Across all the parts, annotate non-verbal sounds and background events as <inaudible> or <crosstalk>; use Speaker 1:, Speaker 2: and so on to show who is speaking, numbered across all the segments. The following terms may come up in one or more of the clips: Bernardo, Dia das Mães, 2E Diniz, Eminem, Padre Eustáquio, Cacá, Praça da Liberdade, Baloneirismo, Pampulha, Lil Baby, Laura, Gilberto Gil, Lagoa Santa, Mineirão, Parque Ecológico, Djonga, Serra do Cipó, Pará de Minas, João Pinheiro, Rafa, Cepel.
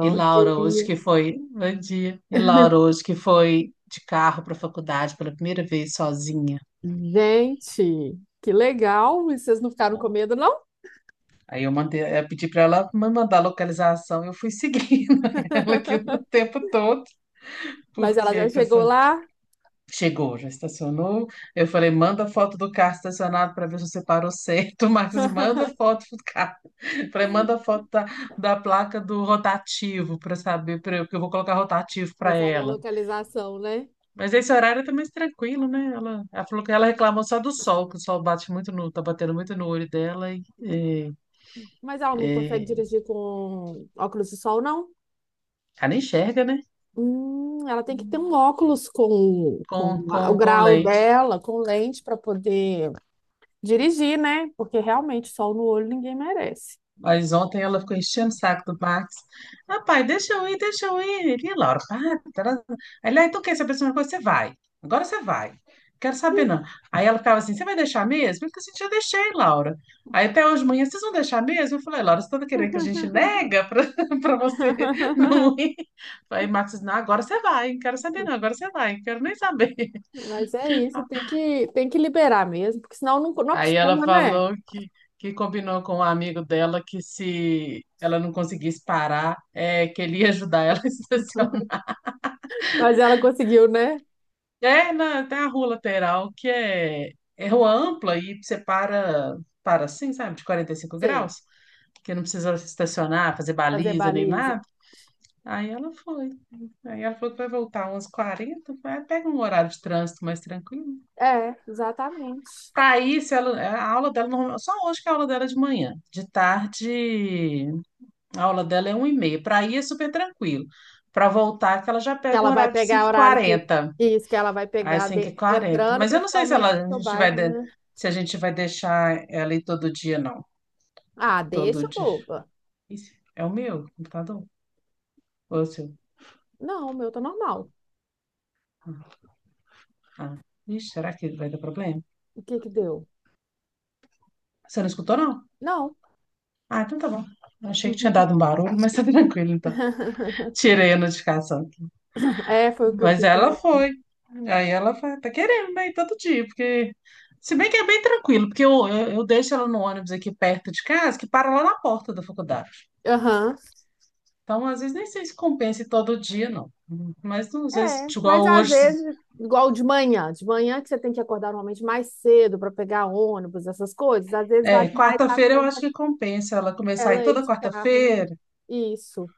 Speaker 1: E Laura hoje
Speaker 2: dia.
Speaker 1: que foi, bom dia. E Laura
Speaker 2: <laughs>
Speaker 1: hoje que foi de carro para a faculdade pela primeira vez sozinha,
Speaker 2: Gente, que legal! E vocês não ficaram
Speaker 1: né?
Speaker 2: com medo, não?
Speaker 1: Aí eu mandei, eu pedi para ela me mandar a localização. Eu fui seguindo <laughs> ela aqui o
Speaker 2: <laughs>
Speaker 1: tempo todo,
Speaker 2: Mas ela
Speaker 1: porque
Speaker 2: já chegou
Speaker 1: pensando,
Speaker 2: lá,
Speaker 1: chegou, já estacionou. Eu falei, manda foto do carro estacionado para ver se você parou certo. <laughs> O Marcos, manda foto do carro. Eu falei, manda foto da placa do rotativo para saber, que eu vou colocar rotativo
Speaker 2: já
Speaker 1: para
Speaker 2: sabe a
Speaker 1: ela.
Speaker 2: localização, né?
Speaker 1: Mas esse horário é mais tranquilo, né? Ela falou que ela reclamou só do sol, que o sol bate muito no, tá batendo muito no olho dela e, e-
Speaker 2: Mas ela não consegue
Speaker 1: e
Speaker 2: dirigir com óculos de sol, não?
Speaker 1: ela nem enxerga, né?
Speaker 2: Ela tem que ter um óculos com,
Speaker 1: Com,
Speaker 2: o
Speaker 1: com, com
Speaker 2: grau
Speaker 1: lente.
Speaker 2: dela, com lente, para poder dirigir, né? Porque realmente sol no olho ninguém merece.
Speaker 1: Mas ontem ela ficou enchendo o saco do Max. Ah, pai, deixa eu ir, deixa eu ir. Ele, "Ih, Laura, para, tará." Aí ele, ah, então quer saber se uma coisa? Você vai. Agora você vai. Quero saber, não. Aí ela ficava assim, você vai deixar mesmo? Eu falei assim, já deixei, Laura. Aí até hoje de manhã, vocês vão deixar mesmo? Eu falei, Laura, você tá querendo que a gente nega para <laughs> pra você não
Speaker 2: <laughs>
Speaker 1: ir? Aí Max disse, não, agora você vai. Não quero saber, não. Agora você vai. Não quero nem saber.
Speaker 2: Mas é isso, tem que liberar mesmo, porque senão não
Speaker 1: Aí ela
Speaker 2: acostuma, né?
Speaker 1: falou que, combinou com um amigo dela que se ela não conseguisse parar, que ele ia ajudar ela <laughs> a estacionar.
Speaker 2: Mas ela conseguiu, né?
Speaker 1: É, na, tem a rua lateral que é rua ampla e você para assim, sabe, de quarenta e cinco
Speaker 2: Sei,
Speaker 1: graus, que não precisa estacionar, fazer
Speaker 2: fazer
Speaker 1: baliza nem
Speaker 2: baliza.
Speaker 1: nada. Aí ela foi. Aí ela falou que vai voltar umas 40. Vai pega um horário de trânsito mais tranquilo.
Speaker 2: É, exatamente.
Speaker 1: Para isso, ela, a aula dela, só hoje que é a aula dela é de manhã. De tarde. A aula dela é 1 e meia. Para ir é super tranquilo. Para voltar, que ela já
Speaker 2: Que
Speaker 1: pega um
Speaker 2: ela vai
Speaker 1: horário de cinco
Speaker 2: pegar
Speaker 1: h
Speaker 2: horário de.
Speaker 1: 40
Speaker 2: Isso, que ela vai
Speaker 1: Às
Speaker 2: pegar de-
Speaker 1: 5h40.
Speaker 2: entrando
Speaker 1: Mas eu não sei se
Speaker 2: principalmente no
Speaker 1: ela, a
Speaker 2: seu
Speaker 1: gente vai,
Speaker 2: bairro, né?
Speaker 1: se a gente vai deixar ela ir todo dia, não.
Speaker 2: Ah,
Speaker 1: Todo
Speaker 2: deixa,
Speaker 1: dia.
Speaker 2: boba.
Speaker 1: Isso é o meu computador? Ou é o seu?
Speaker 2: Não, o meu tá normal.
Speaker 1: Ah, ixi, será que vai dar problema?
Speaker 2: O que que deu?
Speaker 1: Você não escutou, não?
Speaker 2: Não.
Speaker 1: Ah, então tá bom. Achei que tinha dado um barulho, mas tá <laughs> tranquilo, então.
Speaker 2: <laughs>
Speaker 1: Tirei a notificação.
Speaker 2: É, foi o que eu
Speaker 1: Mas
Speaker 2: fiz.
Speaker 1: ela foi. Aí ela tá querendo, né? Ir todo dia, porque. Se bem que é bem tranquilo, porque eu deixo ela no ônibus aqui perto de casa, que para lá na porta da faculdade.
Speaker 2: Aham.
Speaker 1: Então, às vezes, nem sei se compensa ir todo dia, não. Mas, às vezes,
Speaker 2: É, mas
Speaker 1: igual
Speaker 2: às
Speaker 1: hoje,
Speaker 2: vezes, de manhã que você tem que acordar normalmente mais cedo para pegar ônibus, essas coisas, às vezes vale mais a
Speaker 1: quarta-feira eu
Speaker 2: pena
Speaker 1: acho que compensa ela começar a ir
Speaker 2: ela ir
Speaker 1: toda
Speaker 2: de carro, né?
Speaker 1: quarta-feira,
Speaker 2: Isso.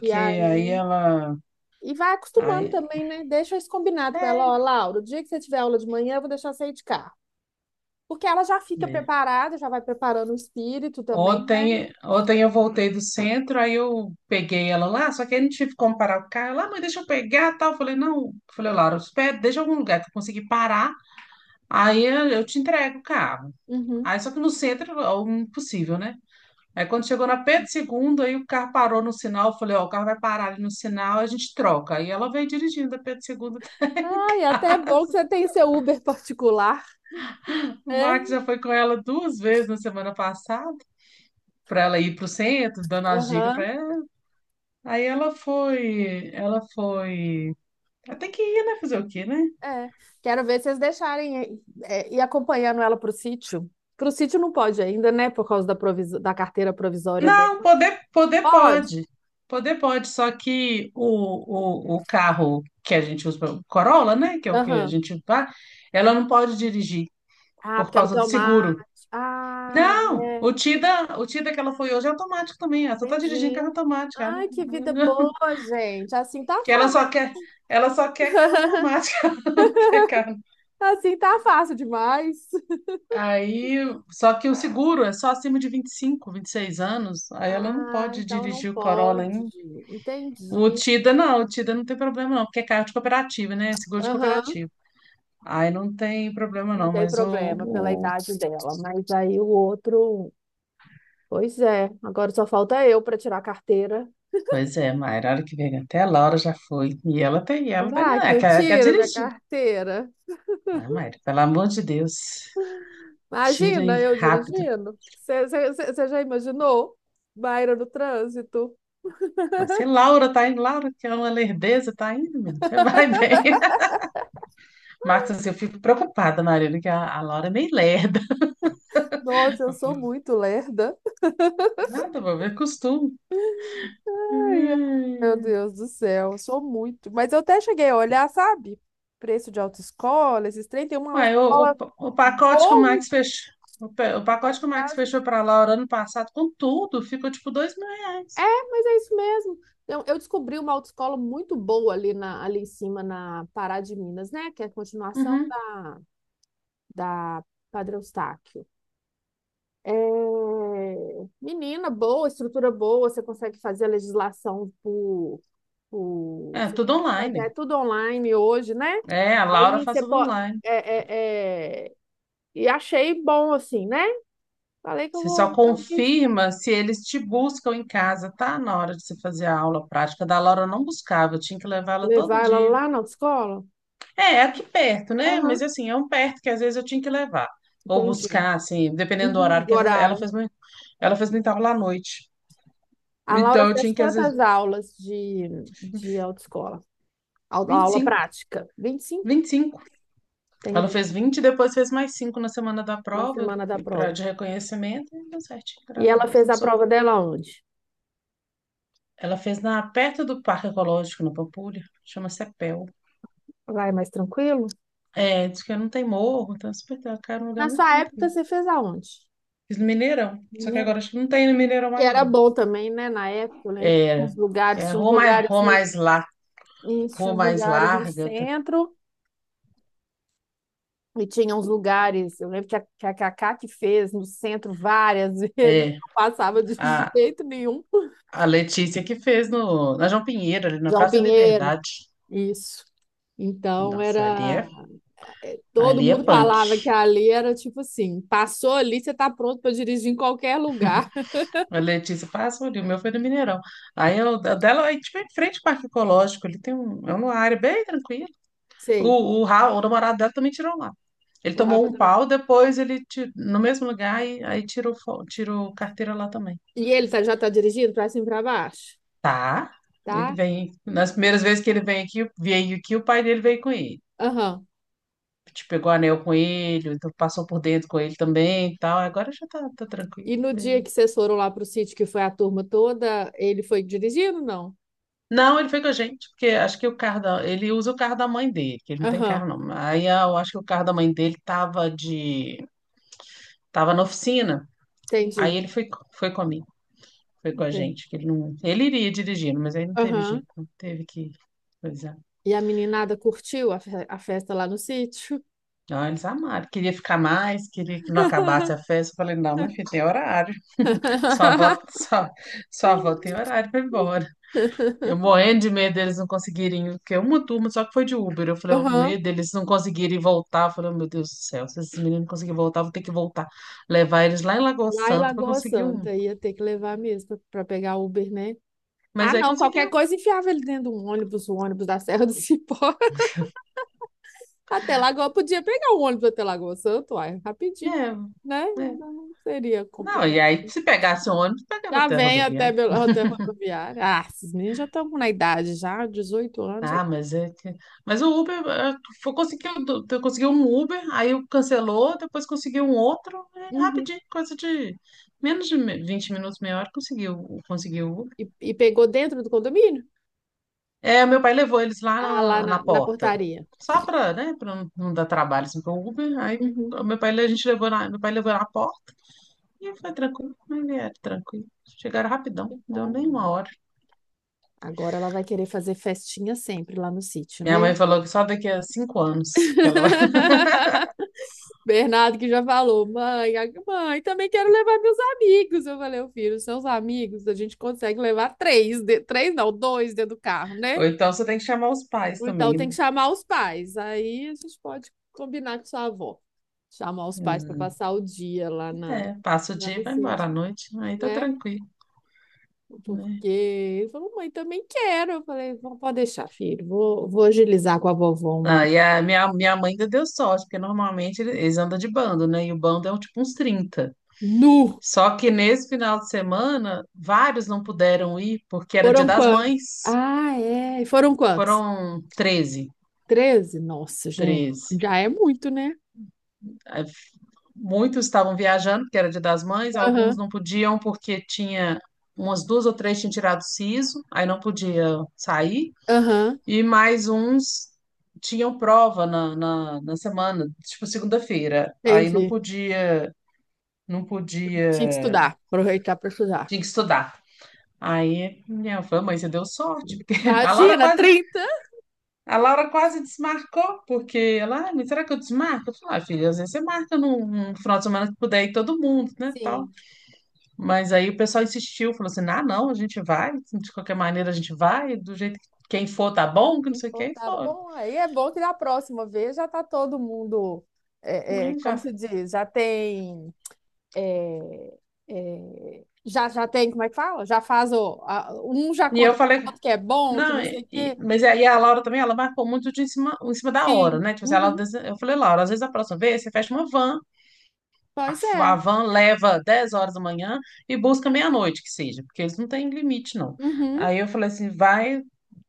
Speaker 2: E
Speaker 1: aí
Speaker 2: aí,
Speaker 1: ela.
Speaker 2: e vai acostumando
Speaker 1: Aí,
Speaker 2: também, né? Deixa isso combinado com ela,
Speaker 1: é,
Speaker 2: ó, Laura, o dia que você tiver aula de manhã, eu vou deixar você ir de carro. Porque ela já fica
Speaker 1: é.
Speaker 2: preparada, já vai preparando o espírito também, né?
Speaker 1: Ontem eu voltei do centro, aí eu peguei ela lá, só que aí não tive como parar o carro. Lá, mãe, deixa eu pegar, tal. Eu falei, não. Eu falei, Laura, espera, deixa em algum lugar que eu consegui parar, aí eu te entrego o carro.
Speaker 2: Uhum.
Speaker 1: Aí só que no centro é o impossível, né? Aí quando chegou na Pedro Segundo, aí o carro parou no sinal, eu falei, ó, o carro vai parar ali no sinal, a gente troca. Aí ela veio dirigindo a Pedro Segundo.
Speaker 2: Ai, até é bom que
Speaker 1: <laughs>
Speaker 2: você tem seu Uber <laughs> particular.
Speaker 1: O
Speaker 2: É?
Speaker 1: Max já foi com ela duas vezes na semana passada, para ela ir para o centro, dando as dicas para.
Speaker 2: Aham.
Speaker 1: Aí ela foi, ela foi. Ela tem que ir, né? Fazer o quê, né?
Speaker 2: É. Quero ver vocês deixarem é, ir acompanhando ela pro sítio. Pro sítio não pode ainda, né? Por causa da, proviso- da carteira provisória dela.
Speaker 1: Não, poder, poder
Speaker 2: Pode?
Speaker 1: pode. Poder pode, só que o carro que a gente usa, o Corolla, né? Que é o que a
Speaker 2: Aham.
Speaker 1: gente vai, ela não pode dirigir
Speaker 2: Ah,
Speaker 1: por
Speaker 2: porque ela
Speaker 1: causa
Speaker 2: tem
Speaker 1: do
Speaker 2: o mar.
Speaker 1: seguro.
Speaker 2: Ah,
Speaker 1: Não,
Speaker 2: é.
Speaker 1: o Tida que ela foi hoje é automático também. Ela só tá dirigindo
Speaker 2: Entendi.
Speaker 1: carro automático. Ela
Speaker 2: Ai, que vida
Speaker 1: não- <laughs>
Speaker 2: boa, gente. Assim tá
Speaker 1: Que
Speaker 2: fácil.
Speaker 1: ela só quer carro
Speaker 2: <laughs>
Speaker 1: automático, <laughs> ela não quer carro.
Speaker 2: Assim tá fácil demais. <laughs>
Speaker 1: Aí, só que o seguro é só acima de vinte, vinte e cinco, vinte e seis anos, aí ela não
Speaker 2: Ah,
Speaker 1: pode
Speaker 2: então não
Speaker 1: dirigir o Corolla
Speaker 2: pode.
Speaker 1: ainda.
Speaker 2: Entendi.
Speaker 1: O Tida não tem problema não, porque é carro de cooperativa, né? É seguro de
Speaker 2: Aham,
Speaker 1: cooperativa. Aí não tem problema
Speaker 2: não
Speaker 1: não,
Speaker 2: tem
Speaker 1: mas
Speaker 2: problema pela
Speaker 1: o-
Speaker 2: idade dela. Mas aí o outro. Pois é, agora só falta eu para tirar a carteira.
Speaker 1: pois é, Mayra, a hora que vem até a Laura já foi. E ela tem, e ela tá
Speaker 2: Será que
Speaker 1: nem
Speaker 2: eu
Speaker 1: quer
Speaker 2: tiro minha
Speaker 1: dirigir.
Speaker 2: carteira?
Speaker 1: Ah, Mayra, pelo amor de Deus, tira
Speaker 2: Imagina
Speaker 1: aí
Speaker 2: eu
Speaker 1: rápido.
Speaker 2: dirigindo. Você já imaginou? Baira no trânsito.
Speaker 1: Mas se Laura tá indo, Laura, que é uma lerdeza, tá indo, menino, você vai bem. <laughs> Marcos, assim, eu fico preocupada, Marina, que a Laura é meio lerda.
Speaker 2: Nossa, eu sou muito lerda.
Speaker 1: Nada, vou ver costume.
Speaker 2: Ai, ai, Meu
Speaker 1: Hum.
Speaker 2: Deus do céu, eu sou muito. Mas eu até cheguei a olhar, sabe? Preço de autoescola, esses trem, tem uma
Speaker 1: Uai,
Speaker 2: autoescola
Speaker 1: o pacote que o
Speaker 2: boa
Speaker 1: Max fechou, o
Speaker 2: aqui
Speaker 1: pacote
Speaker 2: perto de
Speaker 1: que o Max
Speaker 2: casa.
Speaker 1: fechou para Laura ano passado, com tudo, ficou tipo dois mil
Speaker 2: É,
Speaker 1: reais.
Speaker 2: mas é isso mesmo. Eu descobri uma autoescola muito boa ali em cima, na Pará de Minas, né? Que é a continuação
Speaker 1: Uhum.
Speaker 2: da, da Padre Eustáquio. É, menina boa, estrutura boa, você consegue fazer a legislação por...
Speaker 1: É, tudo online.
Speaker 2: É tudo online hoje, né?
Speaker 1: É, a Laura
Speaker 2: Aí
Speaker 1: faz
Speaker 2: você
Speaker 1: tudo
Speaker 2: pode.
Speaker 1: online.
Speaker 2: É... E achei bom, assim, né? Falei que eu
Speaker 1: Você só
Speaker 2: vou talvez
Speaker 1: confirma se eles te buscam em casa, tá? Na hora de você fazer a aula prática da Laura, eu não buscava, eu tinha que levar ela todo
Speaker 2: levar ela
Speaker 1: dia.
Speaker 2: lá na escola.
Speaker 1: É, é aqui perto, né? Mas
Speaker 2: Aham,
Speaker 1: assim, é um perto que às vezes eu tinha que levar. Ou
Speaker 2: entendi.
Speaker 1: buscar, assim, dependendo do
Speaker 2: Uhum,
Speaker 1: horário, que
Speaker 2: o
Speaker 1: às vezes ela
Speaker 2: horário.
Speaker 1: fez muito, ela fez muita aula à noite.
Speaker 2: A Laura
Speaker 1: Então eu
Speaker 2: fez
Speaker 1: tinha que, às vezes,
Speaker 2: quantas aulas de autoescola? Au-
Speaker 1: vinte e
Speaker 2: Aula
Speaker 1: cinco.
Speaker 2: prática? 25,
Speaker 1: 25. Ela
Speaker 2: entendi.
Speaker 1: fez 20, e depois fez mais 5 na semana da
Speaker 2: Na
Speaker 1: prova,
Speaker 2: semana da
Speaker 1: e
Speaker 2: prova.
Speaker 1: de reconhecimento, e deu certinho,
Speaker 2: E
Speaker 1: graças a
Speaker 2: ela
Speaker 1: Deus,
Speaker 2: fez
Speaker 1: não
Speaker 2: a
Speaker 1: precisou.
Speaker 2: prova dela onde?
Speaker 1: Ela fez perto do Parque Ecológico, na Pampulha, chama Cepel.
Speaker 2: Lá é mais tranquilo?
Speaker 1: É, diz que não tem morro, então é super tranquilo, cara, é um lugar
Speaker 2: Na
Speaker 1: muito
Speaker 2: sua época,
Speaker 1: tranquilo.
Speaker 2: você fez aonde?
Speaker 1: Fiz no Mineirão, só que agora
Speaker 2: Mineirão.
Speaker 1: acho que não tem no Mineirão
Speaker 2: Que
Speaker 1: mais,
Speaker 2: era
Speaker 1: não.
Speaker 2: bom também, né? Na época, eu lembro que tinha
Speaker 1: É,
Speaker 2: uns
Speaker 1: é
Speaker 2: lugares,
Speaker 1: a
Speaker 2: tinha uns
Speaker 1: rua mais,
Speaker 2: lugares.
Speaker 1: rua mais, lar,
Speaker 2: Isso, tinha
Speaker 1: rua
Speaker 2: uns
Speaker 1: mais
Speaker 2: lugares no
Speaker 1: larga, tá?
Speaker 2: centro e tinha uns lugares. Eu lembro que a Cacá que fez no centro várias <laughs> vezes,
Speaker 1: é,
Speaker 2: não passava de
Speaker 1: a,
Speaker 2: jeito nenhum.
Speaker 1: a Letícia que fez no, na João Pinheiro, ali na
Speaker 2: João
Speaker 1: Praça da
Speaker 2: Pinheiro,
Speaker 1: Liberdade.
Speaker 2: isso. Então
Speaker 1: Nossa, ali
Speaker 2: era.
Speaker 1: é.
Speaker 2: Todo
Speaker 1: Ali é
Speaker 2: mundo
Speaker 1: punk.
Speaker 2: falava que ali era tipo assim: passou ali, você tá pronto para dirigir em qualquer lugar.
Speaker 1: A Letícia passa ali, o meu foi no Mineirão. Aí eu, a dela, aí, tipo, em frente ao Parque Ecológico, ali tem um, é uma área bem tranquila.
Speaker 2: <laughs> Sei.
Speaker 1: O namorado dela também tirou lá. Ele
Speaker 2: O
Speaker 1: tomou
Speaker 2: Rafa
Speaker 1: um
Speaker 2: também.
Speaker 1: pau, depois ele, no mesmo lugar, e, aí tirou, tirou carteira lá também.
Speaker 2: E já tá dirigindo para cima e para baixo,
Speaker 1: Tá? Ele
Speaker 2: tá?
Speaker 1: vem, nas primeiras vezes que ele vem aqui, veio aqui, o pai dele veio com ele.
Speaker 2: Aham.
Speaker 1: Te pegou anel com ele, então passou por dentro com ele também e tal. Agora já tá tranquilo.
Speaker 2: E no dia que vocês foram lá pro sítio, que foi a turma toda, ele foi dirigindo, não?
Speaker 1: Não, ele foi com a gente, porque acho que ele usa o carro da mãe dele, que ele não tem
Speaker 2: Aham,
Speaker 1: carro não. Eu acho que o carro da mãe dele tava na oficina.
Speaker 2: entendi.
Speaker 1: Aí ele foi, foi comigo, foi com a
Speaker 2: É.
Speaker 1: gente, que ele não, ele iria dirigindo, mas aí não teve jeito,
Speaker 2: Aham.
Speaker 1: não teve que, pois é.
Speaker 2: E a meninada curtiu a festa lá no sítio?
Speaker 1: Não, eles amaram, queria ficar mais, queria que não acabasse a
Speaker 2: <laughs>
Speaker 1: festa. Eu falei, não, meu filho, tem horário. Sua avó, sua avó tem horário para ir embora. Eu morrendo de medo deles não conseguirem, porque uma turma só que foi de Uber. Eu falei, o
Speaker 2: Aham.
Speaker 1: medo deles não conseguirem voltar. Eu falei, "Oh, meu Deus do céu, se esses meninos não conseguirem voltar, eu vou ter que voltar. Levar eles lá em Lagoa
Speaker 2: Lá em
Speaker 1: Santa pra
Speaker 2: Lagoa
Speaker 1: conseguir um."
Speaker 2: Santa, ia ter que levar mesmo para pegar Uber, né? Ah,
Speaker 1: Mas aí
Speaker 2: não, qualquer
Speaker 1: conseguiu,
Speaker 2: coisa enfiava ele dentro de um ônibus, o ônibus da Serra do Cipó. <laughs> Até Lagoa, podia pegar o ônibus até Lagoa Santa, uai, rapidinho,
Speaker 1: né?
Speaker 2: né?
Speaker 1: Né.
Speaker 2: Não seria
Speaker 1: Não, e
Speaker 2: complicado.
Speaker 1: aí se pegasse um ônibus, pegava
Speaker 2: Já
Speaker 1: até a
Speaker 2: vem até,
Speaker 1: rodoviária.
Speaker 2: Belo- até rodoviária. Ah, esses meninos já estão na idade, já, 18 anos, já.
Speaker 1: Ah, mas é que... Mas o Uber, conseguiu, eu consegui um Uber, aí eu cancelou, depois conseguiu um outro,
Speaker 2: Uhum.
Speaker 1: rapidinho, coisa de menos de 20 minutos, meia hora, conseguiu, conseguiu.
Speaker 2: E pegou dentro do condomínio?
Speaker 1: É, meu pai levou eles lá
Speaker 2: Ah,
Speaker 1: na, na
Speaker 2: na
Speaker 1: porta,
Speaker 2: portaria.
Speaker 1: só para, né, para não dar trabalho assim para o Uber. Aí
Speaker 2: Uhum.
Speaker 1: o meu pai, a gente levou na, meu pai levou na porta e foi tranquilo, aí vieram tranquilo. Chegaram rapidão,
Speaker 2: Que
Speaker 1: não deu
Speaker 2: bom.
Speaker 1: nem uma hora.
Speaker 2: Agora ela vai querer fazer festinha sempre lá no sítio,
Speaker 1: Minha
Speaker 2: né?
Speaker 1: mãe falou que só daqui a 5 anos que ela... vai.
Speaker 2: <laughs> Bernardo que já falou, mãe, também quero levar meus amigos. Eu falei, ô filho, seus amigos, a gente consegue levar três, de- três não, dois dentro do carro,
Speaker 1: <laughs>
Speaker 2: né?
Speaker 1: Ou então você tem que chamar os pais
Speaker 2: Ou então
Speaker 1: também,
Speaker 2: tem
Speaker 1: né?
Speaker 2: que chamar os pais. Aí a gente pode combinar com sua avó, chamar os pais para
Speaker 1: Hum,
Speaker 2: passar o dia lá na,
Speaker 1: é, passa o
Speaker 2: lá
Speaker 1: dia e
Speaker 2: no
Speaker 1: vai embora
Speaker 2: sítio,
Speaker 1: à noite, aí tá
Speaker 2: né?
Speaker 1: tranquilo, né?
Speaker 2: Porque ele falou, mãe, também quero. Eu falei, "Vó, pode deixar, filho. Vou, vou agilizar com a vovó uma.
Speaker 1: Ah, e a minha mãe ainda deu sorte, porque normalmente eles andam de bando, né? E o bando é um, tipo uns 30.
Speaker 2: Nu!
Speaker 1: Só que nesse final de semana, vários não puderam ir porque era Dia
Speaker 2: Foram
Speaker 1: das
Speaker 2: quantos?
Speaker 1: Mães.
Speaker 2: Ah, é. E foram quantos?
Speaker 1: Foram 13,
Speaker 2: 13? Nossa, gente.
Speaker 1: 13.
Speaker 2: Já é muito, né?
Speaker 1: Aí, muitos estavam viajando porque era Dia das Mães, alguns
Speaker 2: Aham,
Speaker 1: não podiam porque tinha umas duas ou três tinham tirado siso, aí não podia sair.
Speaker 2: aham.
Speaker 1: E mais uns tinham prova na semana, tipo segunda-feira. Aí não
Speaker 2: Entendi.
Speaker 1: podia, não
Speaker 2: Tinha que
Speaker 1: podia,
Speaker 2: estudar. Aproveitar para estudar.
Speaker 1: tinha que estudar. Aí minha fã, mãe, você deu sorte, porque <laughs> a Laura
Speaker 2: Imagina,
Speaker 1: quase.
Speaker 2: 30.
Speaker 1: A Laura quase desmarcou, porque ela, ah, mas será que eu desmarco? Eu falei, ah, filha, às vezes você marca num, final de semana que puder ir todo mundo, né, tal.
Speaker 2: Sim.
Speaker 1: Mas aí o pessoal insistiu, falou assim, ah, não, a gente vai, de qualquer maneira a gente vai, do jeito que quem for tá bom, que não sei o que,
Speaker 2: Então
Speaker 1: e
Speaker 2: tá
Speaker 1: foram.
Speaker 2: bom. Aí é bom que da próxima vez já tá todo mundo, é, é,
Speaker 1: E, já...
Speaker 2: como se diz, já tem. É, é, já, já tem, como é que fala? Já faz o. Um já
Speaker 1: e eu
Speaker 2: conta pro
Speaker 1: falei,
Speaker 2: outro que é bom, que
Speaker 1: não,
Speaker 2: não sei o quê.
Speaker 1: mas aí a Laura também, ela marcou muito de em cima da hora,
Speaker 2: Sim.
Speaker 1: né, tipo assim, ela,
Speaker 2: Uhum.
Speaker 1: eu falei, Laura, às vezes a próxima vez você fecha uma van. A,
Speaker 2: Pois
Speaker 1: a
Speaker 2: é.
Speaker 1: van leva 10h da manhã e busca meia-noite, que seja, porque eles não têm limite, não.
Speaker 2: Uhum.
Speaker 1: Aí eu falei assim, vai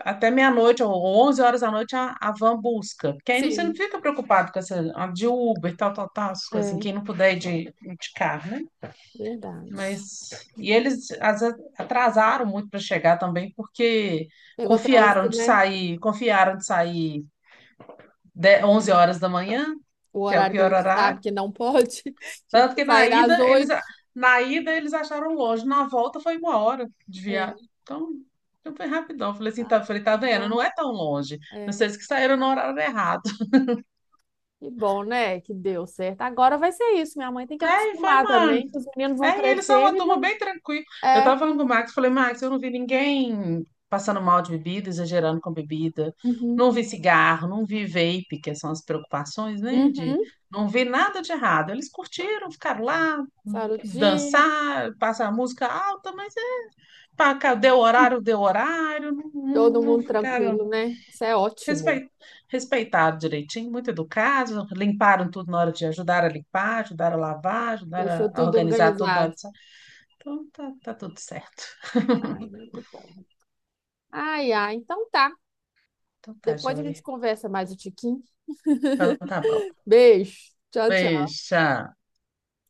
Speaker 1: até meia-noite ou 23h a van busca, porque aí você não
Speaker 2: Sim.
Speaker 1: fica preocupado com essa a de Uber, tal, tal, tal, essas coisas assim,
Speaker 2: É,
Speaker 1: quem não puder ir de carro, né?
Speaker 2: verdade.
Speaker 1: Mas, e eles às vezes, atrasaram muito para chegar também, porque
Speaker 2: Pegou trânsito, né?
Speaker 1: confiaram de sair 11h da manhã,
Speaker 2: O
Speaker 1: que é o
Speaker 2: horário que a
Speaker 1: pior
Speaker 2: gente
Speaker 1: horário.
Speaker 2: sabe que não pode. <laughs> Tinha
Speaker 1: Tanto
Speaker 2: que
Speaker 1: que na
Speaker 2: sair às
Speaker 1: ida eles,
Speaker 2: 8.
Speaker 1: na ida eles acharam longe, na volta foi uma hora de viagem.
Speaker 2: É.
Speaker 1: Então, foi rapidão. Falei assim,
Speaker 2: Ah,
Speaker 1: tá, falei, tá
Speaker 2: que
Speaker 1: vendo?
Speaker 2: bom.
Speaker 1: Não é tão longe.
Speaker 2: É.
Speaker 1: Vocês que saíram no horário errado. <laughs>
Speaker 2: Que bom, né? Que deu certo. Agora vai ser isso. Minha mãe tem que
Speaker 1: É, e foi
Speaker 2: acostumar
Speaker 1: uma.
Speaker 2: também, que os meninos vão
Speaker 1: É, e eles são
Speaker 2: crescendo
Speaker 1: uma
Speaker 2: e
Speaker 1: turma
Speaker 2: vão.
Speaker 1: bem tranquila. Eu
Speaker 2: É.
Speaker 1: tava falando com o Max, falei, Max, eu não vi ninguém passando mal de bebida, exagerando com bebida.
Speaker 2: Uhum.
Speaker 1: Não vi cigarro, não vi vape, que são as preocupações, né? De
Speaker 2: Uhum.
Speaker 1: não vi nada de errado. Eles curtiram, ficaram lá,
Speaker 2: Passar o dia.
Speaker 1: dançar, passar música alta, mas pá, cá, deu horário, não, não,
Speaker 2: Todo
Speaker 1: não
Speaker 2: mundo
Speaker 1: ficaram
Speaker 2: tranquilo, né? Isso é ótimo.
Speaker 1: respeit, respeitaram direitinho, muito educados, limparam tudo na hora de ajudar a limpar, ajudaram a lavar, ajudaram
Speaker 2: Deixou
Speaker 1: a
Speaker 2: tudo
Speaker 1: organizar tudo na hora
Speaker 2: organizado.
Speaker 1: de sair. Então tá, tá tudo certo.
Speaker 2: Ai, muito bom. Ai, ai. Então tá.
Speaker 1: Então tá,
Speaker 2: Depois a gente
Speaker 1: joia.
Speaker 2: conversa mais um tiquinho.
Speaker 1: Então tá bom.
Speaker 2: Beijo. Tchau, tchau.
Speaker 1: Beijo. Tchau.